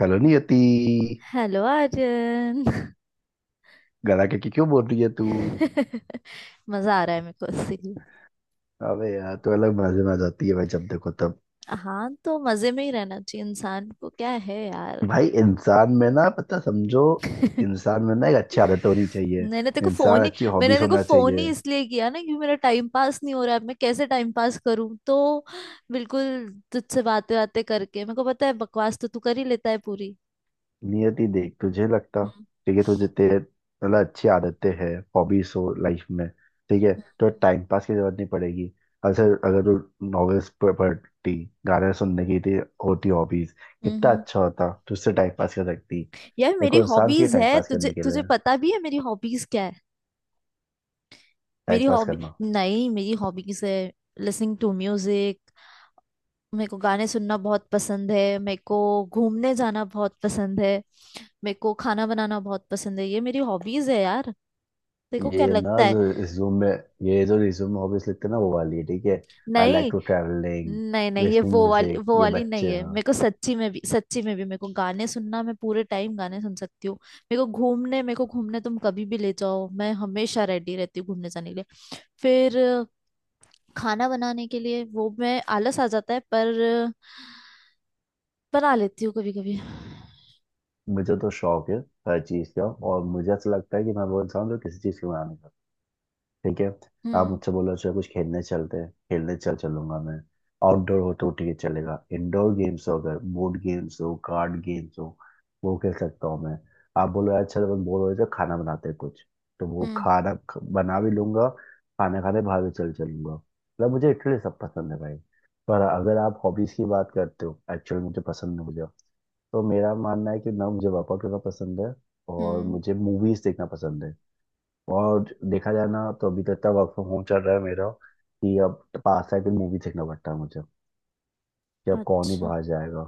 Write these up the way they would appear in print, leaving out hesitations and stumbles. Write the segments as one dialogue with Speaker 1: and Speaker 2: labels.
Speaker 1: Hello Niyati.
Speaker 2: Hello Arjun.
Speaker 1: गला के क्यों बोल रही है तू।
Speaker 2: मजा आ रहा है मेरे को इसीलिए।
Speaker 1: अबे यार, तू अलग मजे में आ जाती है भाई जब देखो तब।
Speaker 2: हाँ, तो मजे में ही रहना चाहिए इंसान को, क्या है यार।
Speaker 1: भाई इंसान में ना पता समझो। इंसान में ना एक अच्छी आदत होनी चाहिए।
Speaker 2: मैंने तेरे को फोन
Speaker 1: इंसान
Speaker 2: ही
Speaker 1: अच्छी
Speaker 2: मैंने
Speaker 1: हॉबीज
Speaker 2: तेरे को
Speaker 1: होना
Speaker 2: फोन
Speaker 1: चाहिए।
Speaker 2: ही इसलिए किया ना, क्योंकि मेरा टाइम पास नहीं हो रहा है। अब मैं कैसे टाइम पास करूं तो। बिल्कुल। तुझसे बातें बातें करके मेरे को पता है, बकवास तो तू कर ही लेता है पूरी।
Speaker 1: नियति देख, तुझे लगता
Speaker 2: हम्म।
Speaker 1: ठीक है तुझे तेरे मतलब अच्छी आदतें हैं हॉबीज हो लाइफ में, ठीक है, तो
Speaker 2: हम्म,
Speaker 1: टाइम पास की जरूरत नहीं पड़ेगी। अगर अगर तू नॉवेल्स पढ़ती, गाने सुनने की थी, होती हॉबीज,
Speaker 2: हम्म,
Speaker 1: कितना
Speaker 2: हम्म।
Speaker 1: अच्छा होता, तू उससे टाइम पास कर सकती।
Speaker 2: यार, मेरी
Speaker 1: देखो इंसान चाहिए
Speaker 2: हॉबीज
Speaker 1: टाइम
Speaker 2: है।
Speaker 1: पास
Speaker 2: तुझे
Speaker 1: करने के
Speaker 2: तुझे
Speaker 1: लिए।
Speaker 2: पता भी है मेरी हॉबीज क्या है।
Speaker 1: टाइम
Speaker 2: मेरी
Speaker 1: पास
Speaker 2: हॉबी,
Speaker 1: करना।
Speaker 2: नहीं, मेरी हॉबीज है लिसनिंग टू म्यूजिक। मेरे को गाने सुनना बहुत पसंद है। मेरे को घूमने जाना बहुत पसंद है। मेरे को खाना बनाना बहुत पसंद है। ये मेरी हॉबीज है यार। देखो क्या
Speaker 1: ये ना
Speaker 2: लगता है।
Speaker 1: जो रिज्यूम में, ये जो रिज्यूम में हॉबीज लिखते हैं ना वो वाली है, ठीक है। आई लाइक
Speaker 2: नहीं।
Speaker 1: टू ट्रैवलिंग,
Speaker 2: नहीं, नहीं, ये
Speaker 1: लिसनिंग
Speaker 2: वो वाली,
Speaker 1: म्यूजिक,
Speaker 2: वो
Speaker 1: ये
Speaker 2: वाली नहीं
Speaker 1: बच्चे
Speaker 2: है।
Speaker 1: हैं।
Speaker 2: मेरे को सच्ची में भी, सच्ची में भी मेरे को गाने सुनना, मैं पूरे टाइम गाने सुन सकती हूँ। मेरे को घूमने तुम कभी भी ले जाओ, मैं हमेशा रेडी रहती हूँ घूमने जाने के लिए। फिर खाना बनाने के लिए वो मैं आलस आ जाता है, पर बना लेती हूँ कभी कभी।
Speaker 1: मुझे तो शौक है हर चीज का। और मुझे ऐसा लगता है कि मैं वो इंसान हूँ जो किसी चीज की मना नहीं करता, ठीक है। आप
Speaker 2: हम्म।
Speaker 1: मुझसे बोलो चलो कुछ खेलने चलते हैं, खेलने चल चलूंगा मैं। आउटडोर हो तो ठीक है चलेगा, इंडोर गेम्स हो, अगर बोर्ड गेम्स हो, कार्ड गेम्स हो, वो खेल सकता हूँ मैं। आप बोलो यार चलो बस बोर हो रहे हैं, तो खाना बनाते हैं कुछ, तो वो
Speaker 2: हम्म।
Speaker 1: खाना बना भी लूंगा। खाना खाने बाहर भी चल चलूंगा, मतलब मुझे इटली सब पसंद है भाई। पर अगर आप हॉबीज की बात करते हो एक्चुअली मुझे पसंद है मुझे, तो मेरा मानना है कि ना मुझे वर्कआउट करना पसंद है। और
Speaker 2: हम्म।
Speaker 1: मुझे मूवीज देखना पसंद है। और देखा जाए ना तो अभी तो इतना वर्क फ्रॉम होम चल रहा है मेरा कि अब पास आके मूवी देखना पड़ता है मुझे, कि अब कौन ही
Speaker 2: अच्छा।
Speaker 1: बाहर जाएगा।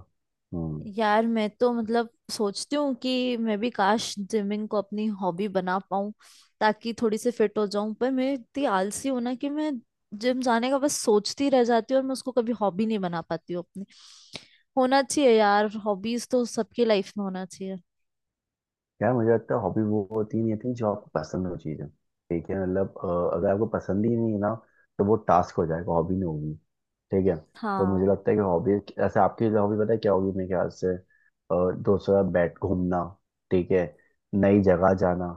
Speaker 1: हम्म।
Speaker 2: यार, मैं तो मतलब सोचती हूँ कि मैं भी काश जिमिंग को अपनी हॉबी बना पाऊँ, ताकि थोड़ी सी फिट हो जाऊं। पर मैं इतनी आलसी हूं ना, कि मैं जिम जाने का बस सोचती रह जाती हूँ, और मैं उसको कभी हॉबी नहीं बना पाती हूँ अपनी। होना चाहिए यार, हॉबीज तो सबकी लाइफ में होना चाहिए।
Speaker 1: यार मुझे लगता है हॉबी वो होती नहीं होती जो आपको पसंद हो चीज़ें, ठीक है, मतलब अगर आपको पसंद ही नहीं है ना तो वो टास्क हो जाएगा, हॉबी नहीं होगी, ठीक है। तो मुझे
Speaker 2: हाँ।
Speaker 1: लगता है कि हॉबी, ऐसे आपकी हॉबी पता है क्या होगी मेरे ख्याल से, दोस्तों के साथ बैठ घूमना, ठीक है, नई जगह जाना,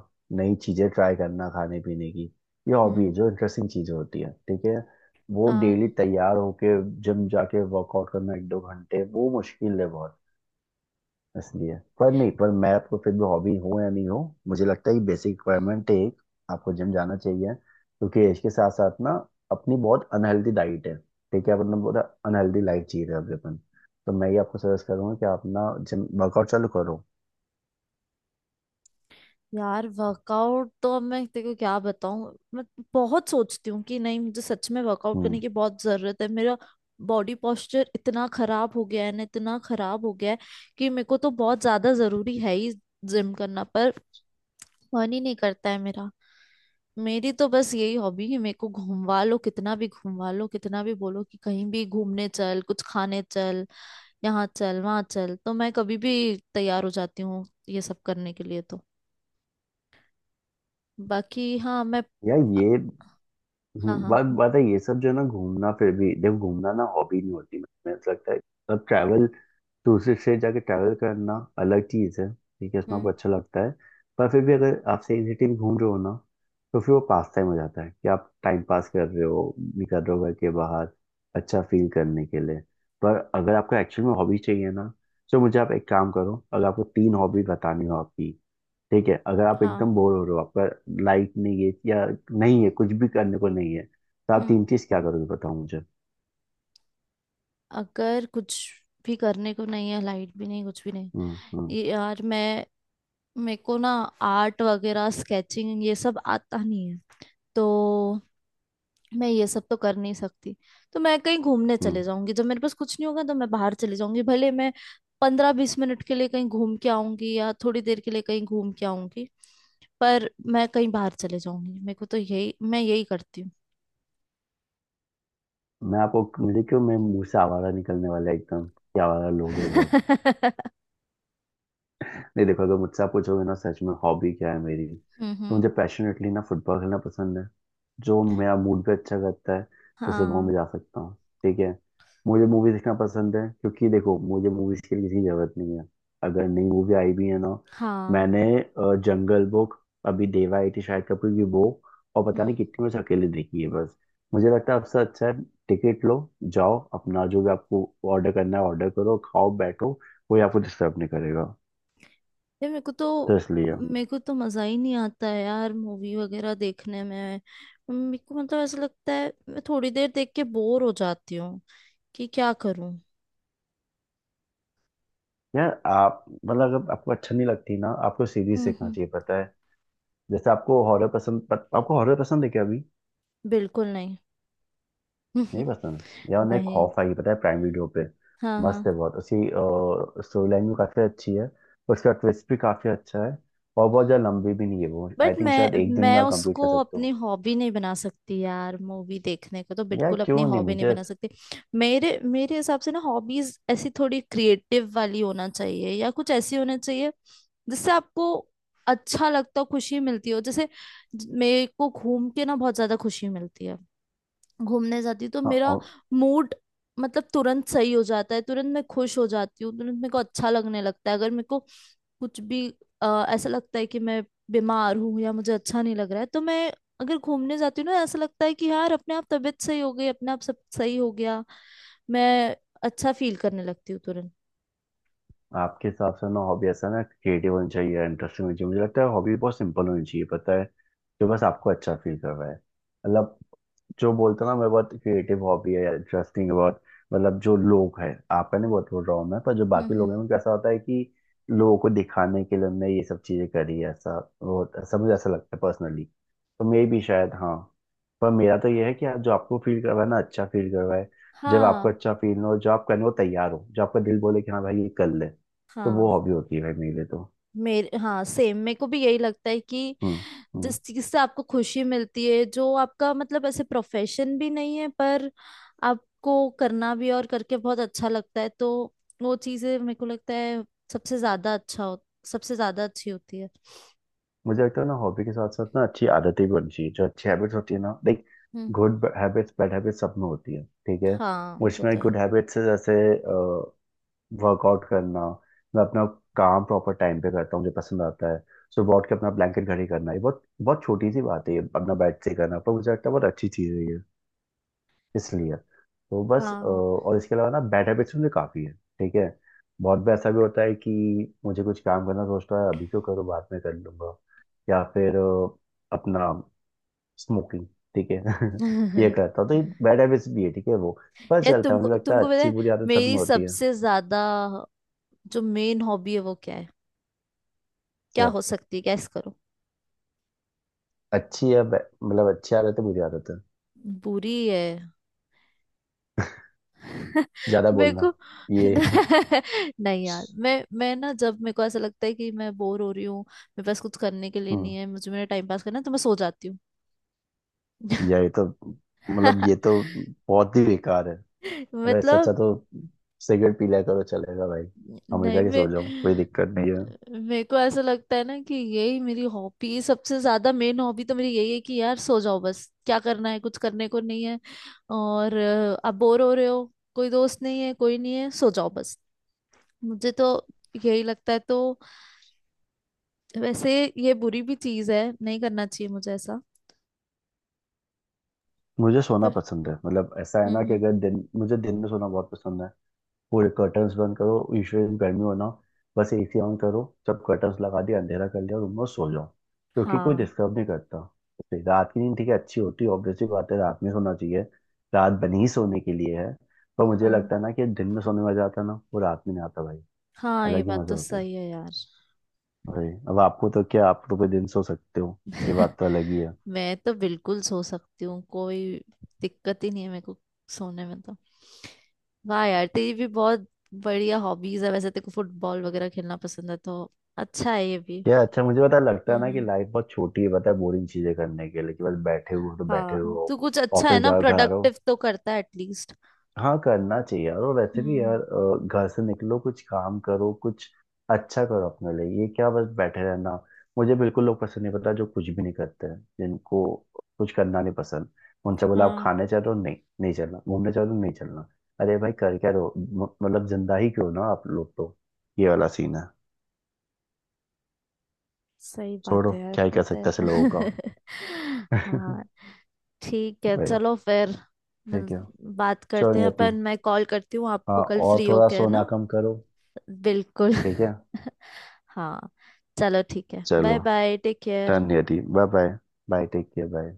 Speaker 1: नई चीज़ें ट्राई करना खाने पीने की, ये हॉबी है,
Speaker 2: हम्म।
Speaker 1: जो इंटरेस्टिंग चीज़ें होती है, ठीक है। वो डेली
Speaker 2: हाँ।
Speaker 1: तैयार होके जिम जाके वर्कआउट करना एक दो घंटे, वो मुश्किल है बहुत इसलिए। पर नहीं, पर मैं आपको फिर भी, हॉबी हो या नहीं हो, मुझे लगता है ये बेसिक रिक्वायरमेंट है एक, आपको जिम जाना चाहिए, क्योंकि इसके साथ साथ ना अपनी बहुत अनहेल्दी डाइट है, ठीक है, मतलब बहुत अनहेल्दी लाइफ जी रहे हैं अभी अपन। तो मैं ये आपको सजेस्ट करूंगा कि आप ना जिम वर्कआउट चालू करो।
Speaker 2: यार, वर्कआउट तो अब मैं तेरे को क्या बताऊं। मैं बहुत सोचती हूँ कि नहीं, मुझे सच में वर्कआउट करने
Speaker 1: हम्म।
Speaker 2: की बहुत जरूरत है। मेरा बॉडी पोस्चर इतना खराब हो गया है ना, इतना खराब हो गया है कि मेरे को तो बहुत ज्यादा जरूरी है ही जिम करना। पर मन ही नहीं करता है मेरा। मेरी तो बस यही हॉबी है, मेरे को घूमवा लो कितना भी, घूमवा लो कितना भी, बोलो कि कहीं भी घूमने चल, कुछ खाने चल, यहाँ चल, वहाँ चल, तो मैं कभी भी तैयार हो जाती हूँ ये सब करने के लिए। तो बाकी हाँ मैं।
Speaker 1: यार ये,
Speaker 2: हाँ, हाँ।
Speaker 1: बात बात है ये सब जो है ना, घूमना, फिर भी देखो घूमना ना हॉबी नहीं होती मुझे ऐसा लगता है। अब ट्रैवल, दूसरे स्टेट जाके ट्रैवल करना अलग चीज़ है, ठीक है, उसमें आपको
Speaker 2: हम्म।
Speaker 1: अच्छा लगता है। पर फिर भी अगर आप सही सिटी में घूम रहे हो ना, तो फिर वो पास टाइम हो जाता है कि आप टाइम पास कर रहे हो, निकल रहे हो घर के बाहर अच्छा फील करने के लिए। पर अगर आपको एक्चुअली में हॉबी चाहिए ना, तो मुझे आप एक काम करो, अगर आपको तीन हॉबी बतानी हो आपकी, ठीक है, अगर आप
Speaker 2: हाँ।
Speaker 1: एकदम बोर हो रहे हो, आपका लाइट नहीं है या नहीं है कुछ भी, करने को नहीं है, तो आप
Speaker 2: हम्म।
Speaker 1: तीन चीज क्या करोगे बताओ मुझे।
Speaker 2: अगर कुछ भी करने को नहीं है, लाइट भी नहीं, कुछ भी नहीं।
Speaker 1: हम्म हम्म
Speaker 2: ये, यार, मैं, मेरे को ना आर्ट वगैरह, स्केचिंग, ये सब आता नहीं है, तो मैं ये सब तो कर नहीं सकती। तो मैं कहीं घूमने
Speaker 1: हम्म।
Speaker 2: चले जाऊंगी, जब मेरे पास कुछ नहीं होगा तो मैं बाहर चले जाऊंगी, भले मैं 15-20 मिनट के लिए कहीं घूम के आऊंगी, या थोड़ी देर के लिए कहीं घूम के आऊंगी, पर मैं कहीं बाहर चले जाऊंगी। मेरे को तो यही, मैं यही करती हूँ।
Speaker 1: मैं आपको, देखो मैं, मुंह से आवारा निकलने वाला है एकदम, क्या आवारा लोग है बहुत। नहीं देखो, अगर मुझसे आप पूछोगे ना सच में हॉबी क्या है मेरी,
Speaker 2: हम्म,
Speaker 1: तो मुझे पैशनेटली ना फुटबॉल खेलना पसंद है, जो मेरा मूड पे अच्छा करता है, जैसे वो
Speaker 2: हाँ,
Speaker 1: मैं जा सकता हूँ, ठीक है। मुझे मूवी देखना पसंद है, क्योंकि देखो मुझे मूवीज के लिए किसी की जरूरत नहीं है। अगर नई मूवी आई भी है ना,
Speaker 2: हाँ।
Speaker 1: मैंने जंगल बुक, अभी देवा आई थी शाहिद कपूर की, वो और पता नहीं
Speaker 2: हम्म।
Speaker 1: कितनी बस अकेले देखी है बस। मुझे लगता है आपसे अच्छा है, टिकट लो जाओ, अपना जो भी आपको ऑर्डर करना है ऑर्डर करो, खाओ बैठो, कोई आपको डिस्टर्ब नहीं करेगा,
Speaker 2: यार
Speaker 1: तो इसलिए।
Speaker 2: मेरे को तो मजा ही नहीं आता है यार मूवी वगैरह देखने में। मेरे को मतलब ऐसा लगता है मैं थोड़ी देर देख के बोर हो जाती हूँ, कि क्या करूँ।
Speaker 1: यार आप मतलब अगर आपको अच्छा नहीं लगती ना, आपको सीरीज
Speaker 2: हम्म।
Speaker 1: सीखना
Speaker 2: हम्म।
Speaker 1: चाहिए पता है। जैसे आपको हॉरर पसंद आपको हॉरर पसंद है क्या अभी?
Speaker 2: बिल्कुल नहीं।
Speaker 1: नहीं पसंद। यार उन्हें
Speaker 2: नहीं।
Speaker 1: खौफ आई पता है प्राइम वीडियो पे,
Speaker 2: हाँ, हाँ।
Speaker 1: मस्त है बहुत उसकी। स्टोरी लाइन भी काफी अच्छी है, उसका ट्विस्ट भी काफी अच्छा है, और बहुत ज्यादा लंबी भी नहीं है वो, आई
Speaker 2: बट
Speaker 1: थिंक
Speaker 2: मैं
Speaker 1: शायद एक दिन
Speaker 2: मैं
Speaker 1: में आप कंप्लीट
Speaker 2: उसको
Speaker 1: कर सकते
Speaker 2: अपनी
Speaker 1: हो।
Speaker 2: हॉबी नहीं बना सकती यार, मूवी देखने को तो
Speaker 1: यार
Speaker 2: बिल्कुल अपनी
Speaker 1: क्यों नहीं
Speaker 2: हॉबी नहीं
Speaker 1: मुझे।
Speaker 2: बना सकती। मेरे मेरे हिसाब से ना हॉबीज ऐसी थोड़ी क्रिएटिव वाली होना चाहिए, या कुछ ऐसी होना चाहिए जिससे आपको अच्छा लगता हो, खुशी मिलती हो। जैसे मेरे को घूम के ना बहुत ज्यादा खुशी मिलती है। घूमने जाती हूँ तो
Speaker 1: हाँ।
Speaker 2: मेरा मूड मतलब तुरंत सही हो जाता है। तुरंत मैं खुश हो जाती हूँ, तुरंत मेरे को अच्छा लगने लगता है। अगर मेरे को कुछ भी ऐसा लगता है कि मैं बीमार हूँ, या मुझे अच्छा नहीं लग रहा है, तो मैं अगर घूमने जाती हूँ ना, ऐसा लगता है कि यार अपने आप तबीयत सही हो गई, अपने आप सब सही हो गया। मैं अच्छा फील करने लगती हूँ तुरंत।
Speaker 1: आपके हिसाब से ना हॉबी ऐसा ना क्रिएटिव होनी चाहिए इंटरेस्टिंग होनी चाहिए, मुझे लगता है हॉबी बहुत सिंपल होनी चाहिए पता है, जो बस आपको अच्छा फील कर रहा है, मतलब जो बोलते हैं ना मैं, बहुत क्रिएटिव हॉबी है इंटरेस्टिंग है बहुत, मतलब जो लोग हैं, आपका नहीं बहुत बोल रहा हूँ मैं, पर जो
Speaker 2: हम्म।
Speaker 1: बाकी लोग
Speaker 2: हम्म।
Speaker 1: हैं उनको ऐसा होता है कि लोगों को दिखाने के लिए हमने ये सब चीजें करी है ऐसा, वो ऐसा मुझे ऐसा लगता है पर्सनली तो, मे भी शायद, हाँ। पर मेरा तो ये है कि आप जो आपको फील करवाए ना अच्छा फील करवाए, जब आपको
Speaker 2: हाँ।
Speaker 1: अच्छा फील हो, जो आप करने को तैयार हो, जो आपका दिल बोले कि हाँ भाई ये कर ले, तो वो
Speaker 2: हाँ।
Speaker 1: हॉबी होती है भाई मेरे लिए तो।
Speaker 2: मेरे, हाँ, सेम, मेरे को भी यही लगता है कि
Speaker 1: हम्म हम्म।
Speaker 2: जिस चीज से आपको खुशी मिलती है, जो आपका मतलब ऐसे प्रोफेशन भी नहीं है, पर आपको करना भी, और करके बहुत अच्छा लगता है, तो वो चीजें मेरे को लगता है सबसे ज्यादा अच्छा हो, सबसे ज्यादा अच्छी होती है।
Speaker 1: मुझे लगता है ना हॉबी के साथ साथ ना अच्छी आदतें भी होनी चाहिए, जो अच्छी हैबिट्स होती है ना like,
Speaker 2: hmm.
Speaker 1: Good habits bad habits सब में होती है ठीक है।
Speaker 2: हाँ, वो
Speaker 1: मुझमें
Speaker 2: तो है।
Speaker 1: गुड हैबिट्स है जैसे वर्कआउट करना, मैं अपना काम प्रॉपर टाइम पे करता हूँ, मुझे पसंद आता है। सुबह उठ के अपना ब्लैंकेट घड़ी करना, ये बहुत बहुत छोटी सी बात है ये अपना बेड से करना, पर मुझे लगता है बहुत अच्छी चीज़ है ये इसलिए। तो बस
Speaker 2: हाँ।
Speaker 1: और इसके अलावा ना बैड हैबिट्स मुझे काफ़ी है, ठीक है। बहुत बार ऐसा भी होता है कि मुझे कुछ काम करना सोचता है अभी क्यों करूँ बाद में कर लूंगा, या फिर अपना स्मोकिंग, ठीक है ये करता हूँ, तो ये बैड हैबिट्स भी है, ठीक है वो। पर
Speaker 2: ये,
Speaker 1: चलता है,
Speaker 2: तुमको
Speaker 1: मुझे लगता है
Speaker 2: तुमको पता
Speaker 1: अच्छी
Speaker 2: है
Speaker 1: बुरी आदत सब में
Speaker 2: मेरी
Speaker 1: होती है।
Speaker 2: सबसे ज्यादा जो मेन हॉबी है वो क्या है, क्या
Speaker 1: क्या?
Speaker 2: हो सकती है, गैस करो।
Speaker 1: अच्छी है मतलब अच्छी आदत है बुरी आदत है?
Speaker 2: बुरी है।
Speaker 1: ज़्यादा
Speaker 2: मेरे को
Speaker 1: बोलना, ये
Speaker 2: नहीं यार, मैं ना, जब मेरे को ऐसा लगता है कि मैं बोर हो रही हूँ, मेरे पास कुछ करने के लिए
Speaker 1: हम्म,
Speaker 2: नहीं है, मुझे मेरा टाइम पास करना है, तो मैं सो जाती हूँ।
Speaker 1: ये तो, मतलब ये तो बहुत ही बेकार है। अरे इससे अच्छा
Speaker 2: मतलब।
Speaker 1: तो सिगरेट पी लिया करो, चलेगा भाई। हमेशा
Speaker 2: नहीं
Speaker 1: की
Speaker 2: मैं,
Speaker 1: सो जाओ, कोई दिक्कत नहीं है।
Speaker 2: मेरे को ऐसा लगता है ना कि यही मेरी हॉबी, सबसे ज्यादा मेन हॉबी तो मेरी यही है, कि यार सो जाओ बस, क्या करना है, कुछ करने को नहीं है, और अब बोर हो रहे हो, कोई दोस्त नहीं है, कोई नहीं है, सो जाओ बस। मुझे तो यही लगता है, तो वैसे ये बुरी भी चीज है, नहीं करना चाहिए मुझे ऐसा।
Speaker 1: मुझे सोना
Speaker 2: पर।
Speaker 1: पसंद है, मतलब ऐसा है
Speaker 2: हम्म।
Speaker 1: ना कि
Speaker 2: हम्म।
Speaker 1: अगर दिन, मुझे दिन में सोना बहुत पसंद है। पूरे कर्टन्स बंद करो, यूजुअली गर्मी होना, बस एसी ऑन करो, जब कर्टन्स लगा दिया अंधेरा कर लिया रूम में, सो जाओ, क्योंकि कोई
Speaker 2: हाँ।
Speaker 1: डिस्टर्ब नहीं करता। तो रात की नींद ठीक है अच्छी होती है, ऑब्वियसली बात है रात में सोना चाहिए, रात बनी ही सोने के लिए है, पर मुझे
Speaker 2: हाँ।
Speaker 1: लगता है ना कि दिन में सोने में मजा आता है ना वो रात में नहीं आता भाई,
Speaker 2: हाँ, ये
Speaker 1: अलग ही
Speaker 2: बात
Speaker 1: मजा
Speaker 2: तो
Speaker 1: होता है।
Speaker 2: सही है यार।
Speaker 1: भाई अब आपको तो क्या, आप तो कोई दिन सो सकते हो, ये बात तो अलग ही है।
Speaker 2: मैं तो बिल्कुल सो सकती हूँ, कोई दिक्कत ही नहीं है मेरे को सोने में। तो वाह यार, तेरी भी बहुत बढ़िया हॉबीज है, वैसे तेरे को फुटबॉल वगैरह खेलना पसंद है, तो अच्छा है ये भी।
Speaker 1: क्या अच्छा? मुझे पता है, लगता
Speaker 2: हम्म।
Speaker 1: है ना कि
Speaker 2: हम्म।
Speaker 1: लाइफ बहुत छोटी है पता है बोरिंग चीजें करने के लिए, कि बस बैठे हुए हो तो बैठे हुए
Speaker 2: हाँ,
Speaker 1: हो,
Speaker 2: तू कुछ अच्छा है
Speaker 1: ऑफिस
Speaker 2: ना,
Speaker 1: जाओ घर आ रहे
Speaker 2: प्रोडक्टिव
Speaker 1: हो।
Speaker 2: तो करता है एटलीस्ट।
Speaker 1: हाँ करना चाहिए यार, और वैसे भी
Speaker 2: हम्म।
Speaker 1: यार घर से निकलो, कुछ काम करो, कुछ अच्छा करो अपने लिए, ये क्या बस बैठे रहना। मुझे बिल्कुल लोग पसंद नहीं पता जो कुछ भी नहीं करते हैं, जिनको कुछ करना नहीं पसंद। उनसे बोला आप
Speaker 2: हाँ
Speaker 1: खाने चलो, नहीं नहीं चलना, घूमने चलो, नहीं चलना। अरे भाई कर क्या रहो मतलब जिंदा ही क्यों ना आप लोग तो, ये वाला सीन है।
Speaker 2: सही बात
Speaker 1: छोड़ो
Speaker 2: है यार,
Speaker 1: क्या ही कर
Speaker 2: होता है
Speaker 1: सकते हैं
Speaker 2: ऐसा।
Speaker 1: ऐसे लोगों का।
Speaker 2: हाँ। ठीक है,
Speaker 1: भाई,
Speaker 2: चलो फिर।
Speaker 1: ठीक
Speaker 2: मिल-
Speaker 1: है।
Speaker 2: बात
Speaker 1: चलो
Speaker 2: करते हैं
Speaker 1: नियति,
Speaker 2: अपन, मैं कॉल करती हूँ
Speaker 1: हाँ
Speaker 2: आपको कल
Speaker 1: और
Speaker 2: फ्री
Speaker 1: थोड़ा
Speaker 2: होके, है ना।
Speaker 1: सोना कम करो।
Speaker 2: बिल्कुल।
Speaker 1: ठीक है।
Speaker 2: हाँ। चलो ठीक है,
Speaker 1: चलो,
Speaker 2: bye bye, take care.
Speaker 1: Done यदि bye bye, bye take care bye.